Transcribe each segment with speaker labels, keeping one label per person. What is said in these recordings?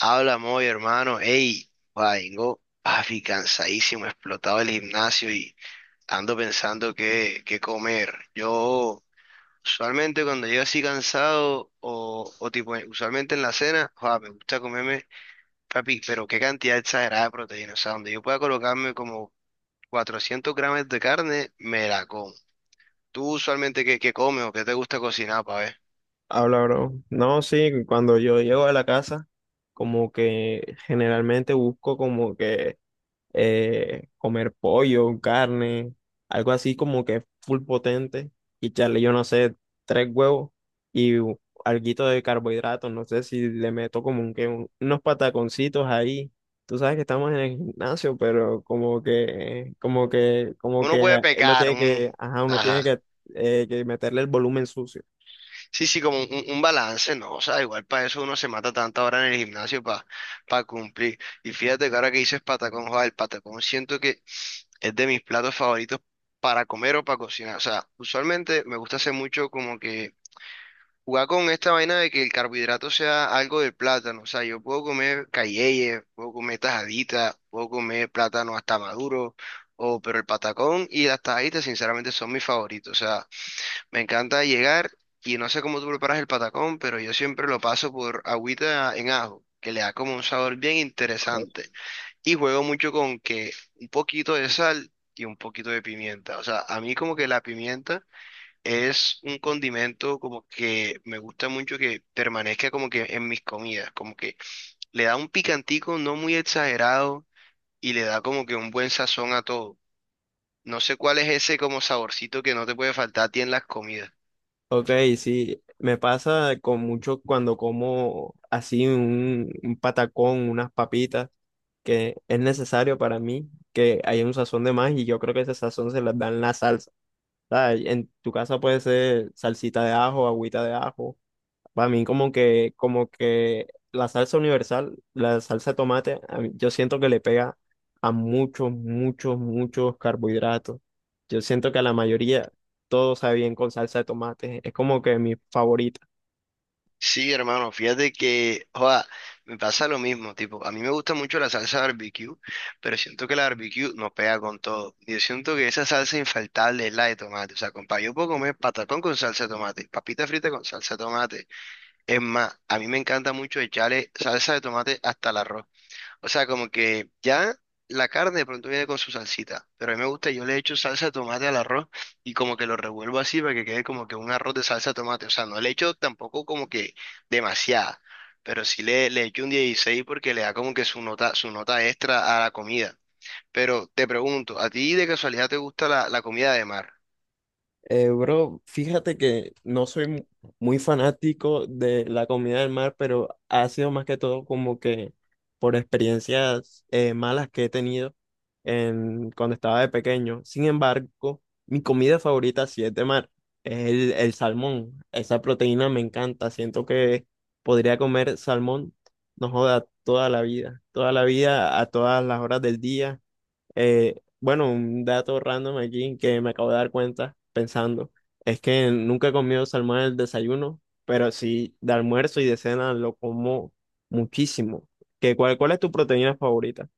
Speaker 1: Habla, muy hermano. Ey, vengo, papi, cansadísimo, explotado el gimnasio y ando pensando qué comer. Yo, usualmente cuando llego así cansado o tipo, usualmente en la cena, joa, me gusta comerme, papi, pero qué cantidad exagerada de proteína. O sea, donde yo pueda colocarme como 400 gramos de carne, me la como. ¿Tú usualmente qué comes o qué te gusta cocinar, pa' ver?
Speaker 2: Habla, bro. No, sí, cuando yo llego a la casa, como que generalmente busco como que comer pollo, carne, algo así como que full potente y echarle, yo no sé, 3 huevos y u- alguito de carbohidratos, no sé si le meto como un, unos pataconcitos ahí. Tú sabes que estamos en el gimnasio, pero como que, como que, como
Speaker 1: Uno
Speaker 2: que
Speaker 1: puede
Speaker 2: eh, uno
Speaker 1: pecar,
Speaker 2: tiene que,
Speaker 1: un...
Speaker 2: ajá, uno tiene
Speaker 1: Ajá.
Speaker 2: que meterle el volumen sucio.
Speaker 1: Sí, sí, como un balance, ¿no? O sea, igual para eso uno se mata tanta hora en el gimnasio para cumplir. Y fíjate que ahora que dices patacón, joder, el patacón siento que es de mis platos favoritos para comer o para cocinar. O sea, usualmente me gusta hacer mucho como que jugar con esta vaina de que el carbohidrato sea algo del plátano. O sea, yo puedo comer cayeye, puedo comer tajadita, puedo comer plátano hasta maduro, o, pero el patacón y las tajaditas sinceramente son mis favoritos. O sea, me encanta llegar y no sé cómo tú preparas el patacón, pero yo siempre lo paso por agüita en ajo, que le da como un sabor bien interesante. Y juego mucho con que un poquito de sal y un poquito de pimienta. O sea, a mí como que la pimienta es un condimento como que me gusta mucho que permanezca como que en mis comidas, como que le da un picantico no muy exagerado y le da como que un buen sazón a todo. No sé cuál es ese como saborcito que no te puede faltar a ti en las comidas.
Speaker 2: Ok, sí, me pasa con mucho cuando como así un patacón, unas papitas, que es necesario para mí que haya un sazón de más y yo creo que ese sazón se las dan la salsa. ¿Sabes? En tu casa puede ser salsita de ajo, agüita de ajo, para mí como que la salsa universal, la salsa de tomate, yo siento que le pega a muchos, muchos, muchos carbohidratos. Yo siento que a la mayoría todo sabe bien con salsa de tomate. Es como que mi favorita.
Speaker 1: Sí, hermano, fíjate que, joda, me pasa lo mismo, tipo, a mí me gusta mucho la salsa barbecue, pero siento que la barbecue no pega con todo. Yo siento que esa salsa infaltable es la de tomate, o sea, compa, yo puedo comer patacón con salsa de tomate, papita frita con salsa de tomate. Es más, a mí me encanta mucho echarle salsa de tomate hasta la arroz. O sea, como que ya la carne de pronto viene con su salsita, pero a mí me gusta, yo le echo salsa de tomate al arroz y como que lo revuelvo así para que quede como que un arroz de salsa de tomate. O sea, no le echo tampoco como que demasiada, pero sí le echo un 16 porque le da como que su nota extra a la comida. Pero te pregunto, ¿a ti de casualidad te gusta la comida de mar?
Speaker 2: Bro, fíjate que no soy mu- muy fanático de la comida del mar, pero ha sido más que todo como que por experiencias malas que he tenido en, cuando estaba de pequeño. Sin embargo, mi comida favorita sí es de mar, es el salmón. Esa proteína me encanta, siento que podría comer salmón, no joda, toda la vida, a todas las horas del día. Bueno, un dato random aquí que me acabo de dar cuenta pensando, es que nunca he comido salmón en el desayuno, pero sí de almuerzo y de cena lo como muchísimo. ¿ Cuál es tu proteína favorita?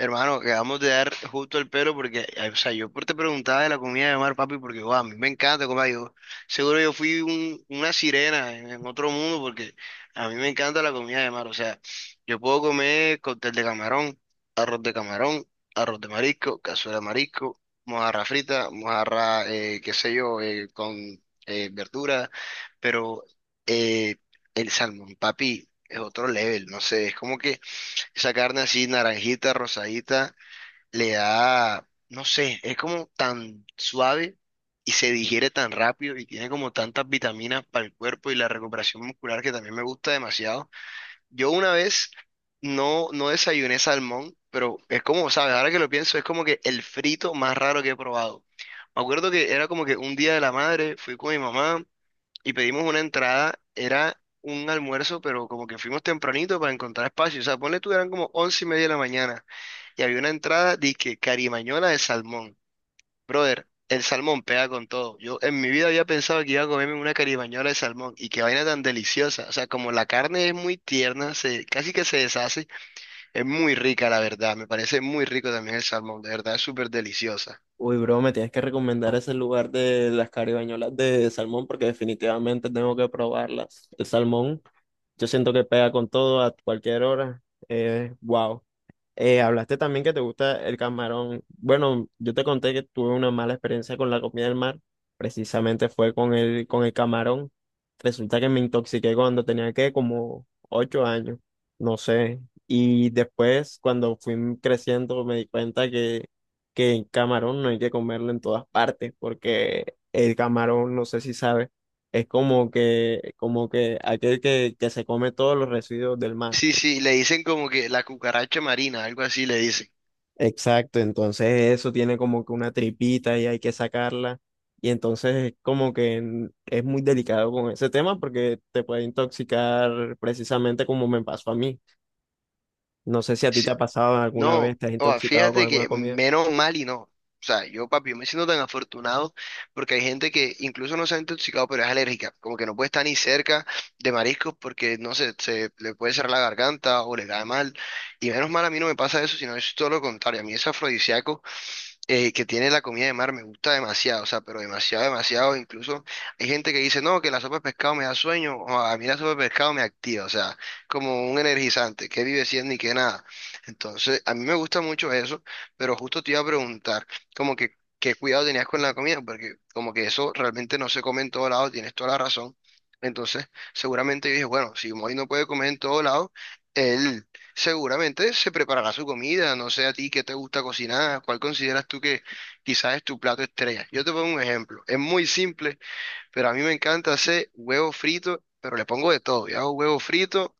Speaker 1: Hermano, acabamos de dar justo el pelo porque, ay, o sea, yo por- te preguntaba de la comida de mar, papi, porque, guau, a mí me encanta comer. Yo, seguro yo fui un- una sirena en otro mundo porque a mí me encanta la comida de mar. O sea, yo puedo comer cóctel de camarón, arroz de camarón, arroz de marisco, cazuela de marisco, mojarra frita, mojarra, qué sé yo, con verdura, pero eh, el salmón, papi, es otro level, no sé, es como que esa carne así naranjita, rosadita le da, no sé, es como tan suave y se digiere tan rápido y tiene como tantas vitaminas para el cuerpo y la recuperación muscular que también me gusta demasiado. Yo una vez no desayuné salmón, pero es como, ¿sabes? Ahora que lo pienso, es como que el frito más raro que he probado. Me acuerdo que era como que un día de la madre, fui con mi mamá y pedimos una entrada, era un almuerzo, pero como que fuimos tempranito para encontrar espacio. O sea, ponle tú, eran como 11:30 de la mañana. Y había una entrada, que carimañola de salmón. Brother, el salmón pega con todo. Yo en mi vida había pensado que iba a comerme una carimañola de salmón. Y qué vaina tan deliciosa. O sea, como la carne es muy tierna, se, casi que se deshace, es muy rica, la verdad. Me parece muy rico también el salmón. De verdad, es súper deliciosa.
Speaker 2: Uy, bro, me tienes que recomendar ese lugar de las caribañolas de salmón porque definitivamente tengo que probarlas. El salmón, yo siento que pega con todo a cualquier hora. Wow. Hablaste también que te gusta el camarón. Bueno, yo te conté que tuve una mala experiencia con la comida del mar. Precisamente fue con el camarón. Resulta que me intoxiqué cuando tenía que como 8 años, no sé. Y después, cuando fui creciendo, me di cuenta que el camarón no hay que comerlo en todas partes, porque el camarón, no sé si sabes, es como que aquel que se come todos los residuos del mar.
Speaker 1: Sí, sí, le dicen como que la cucaracha marina, algo así le dicen.
Speaker 2: Exacto, entonces eso tiene como que una tripita y hay que sacarla. Y entonces es muy delicado con ese tema porque te puede intoxicar precisamente como me pasó a mí. No sé si a ti te ha pasado alguna
Speaker 1: No,
Speaker 2: vez, te has
Speaker 1: o
Speaker 2: intoxicado con
Speaker 1: fíjate
Speaker 2: alguna
Speaker 1: que
Speaker 2: comida.
Speaker 1: menos mal y no. O sea, yo, papi, yo me siento tan afortunado porque hay gente que incluso no se ha intoxicado, pero es alérgica. Como que no puede estar ni cerca de mariscos porque, no sé, se le puede cerrar la garganta o le cae mal. Y menos mal a mí no me pasa eso, sino es todo lo contrario. A mí es afrodisíaco que tiene la comida de mar me gusta demasiado, o sea, pero demasiado, demasiado. Incluso hay gente que dice, no, que la sopa de pescado me da sueño, o a mí la sopa de pescado me activa, o sea, como un energizante, que vive siendo ni que nada. Entonces, a mí me gusta mucho eso, pero justo te iba a preguntar, como que, ¿qué cuidado tenías con la comida? Porque como que eso realmente no se come en todo lado, tienes toda la razón. Entonces, seguramente yo dije, bueno, si Moy no puede comer en todo lado, él... Seguramente se preparará su comida, no sé a ti qué te gusta cocinar, cuál consideras tú que quizás es tu plato estrella. Yo te pongo un ejemplo, es muy simple, pero a mí me encanta hacer huevo frito, pero le pongo de todo. Yo hago huevo frito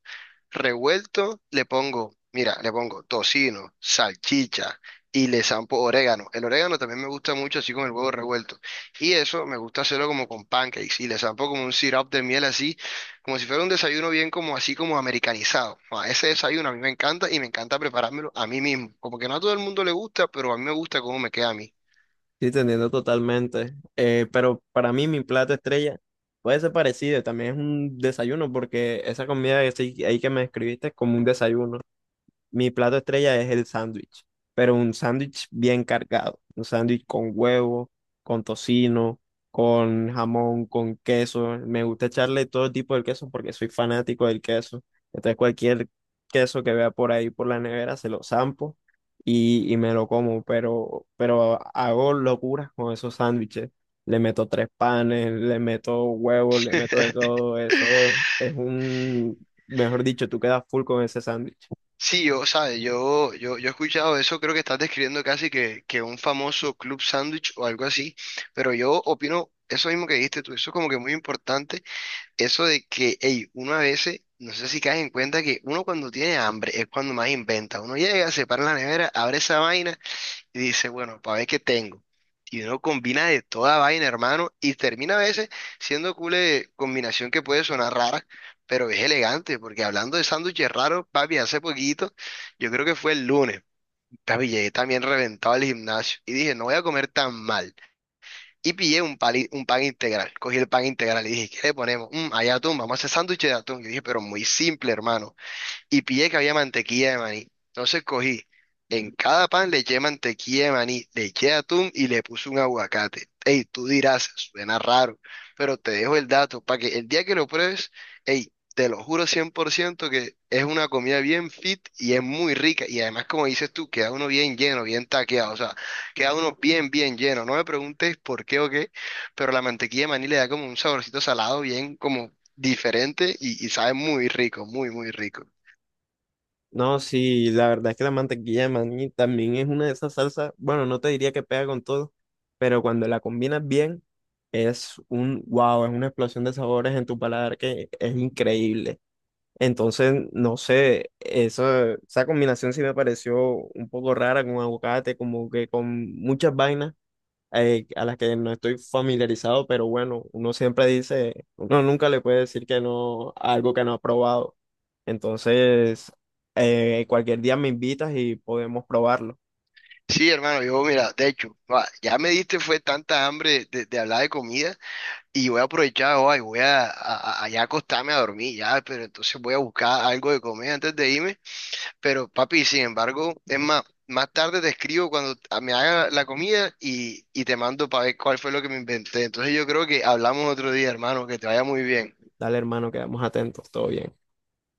Speaker 1: revuelto, le pongo, mira, le pongo tocino, salchicha y le zampo orégano. El orégano también me gusta mucho así con el huevo revuelto. Y eso me gusta hacerlo como con pancakes y le zampo como un syrup de miel así, como si fuera un desayuno bien como así como americanizado. Ah, ese desayuno a mí me encanta y me encanta preparármelo a mí mismo. Como que no a todo el mundo le gusta, pero a mí me gusta cómo me queda a mí.
Speaker 2: Sí, te entiendo totalmente. Pero para mí mi plato estrella puede ser parecido, también es un desayuno porque esa comida ahí que me escribiste es como un desayuno. Mi plato estrella es el sándwich, pero un sándwich bien cargado, un sándwich con huevo, con tocino, con jamón, con queso. Me gusta echarle todo tipo de queso porque soy fanático del queso. Entonces cualquier queso que vea por ahí por la nevera se lo zampo y me lo como, pero hago locuras con esos sándwiches. Le meto 3 panes, le meto huevos, le meto de todo. Eso es un, mejor dicho, tú quedas full con ese sándwich.
Speaker 1: Sí, yo, ¿sabes? Yo he escuchado eso, creo que estás describiendo casi que un famoso club sándwich o algo así, pero yo opino eso mismo que dijiste tú, eso es como que muy importante, eso de que, hey, uno a veces, no sé si caes en cuenta que uno cuando tiene hambre es cuando más inventa, uno llega, se para en la nevera, abre esa vaina y dice, bueno, para ver qué tengo. Y uno combina de toda vaina, hermano, y termina a veces siendo cool de combinación que puede sonar rara, pero es elegante, porque hablando de sándwiches raros, papi, hace poquito, yo creo que fue el lunes, papi, llegué también reventado al gimnasio y dije, no voy a comer tan mal. Y pillé un, pali- un pan integral, cogí el pan integral y dije, ¿qué le ponemos? Mm, hay atún, vamos a hacer sándwiches de atún. Yo dije, pero muy simple, hermano y pillé que había mantequilla de maní. Entonces cogí, en cada pan le eché mantequilla de maní, le eché atún y le puse un aguacate. Ey, tú dirás, suena raro, pero te dejo el dato para que el día que lo pruebes, ey, te lo juro 100% que es una comida bien fit y es muy rica. Y además, como dices tú, queda uno bien lleno, bien taqueado, o sea, queda uno bien, bien lleno. No me preguntes por qué o qué, pero la mantequilla de maní le da como un saborcito salado bien como diferente y sabe muy rico, muy, muy rico.
Speaker 2: No, sí, la verdad es que la mantequilla de maní también es una de esas salsas, bueno, no te diría que pega con todo, pero cuando la combinas bien, es un wow, es una explosión de sabores en tu paladar que es increíble. Entonces, no sé, eso, esa combinación sí me pareció un poco rara con aguacate, como que con muchas vainas a las que no estoy familiarizado, pero bueno, uno siempre dice, uno nunca le puede decir que no a algo que no ha probado. Entonces, cualquier día me invitas y podemos probarlo.
Speaker 1: Sí, hermano, yo mira, de hecho, va, ya me diste fue tanta hambre de hablar de comida y voy a aprovechar hoy, voy ya acostarme a dormir, ya, pero entonces voy a buscar algo de comer antes de irme, pero papi, sin embargo, es más, más tarde te escribo cuando a- me haga la comida y te mando para ver cuál fue lo que me inventé. Entonces yo creo que hablamos otro día, hermano, que te vaya muy bien.
Speaker 2: Dale, hermano, quedamos atentos, todo bien.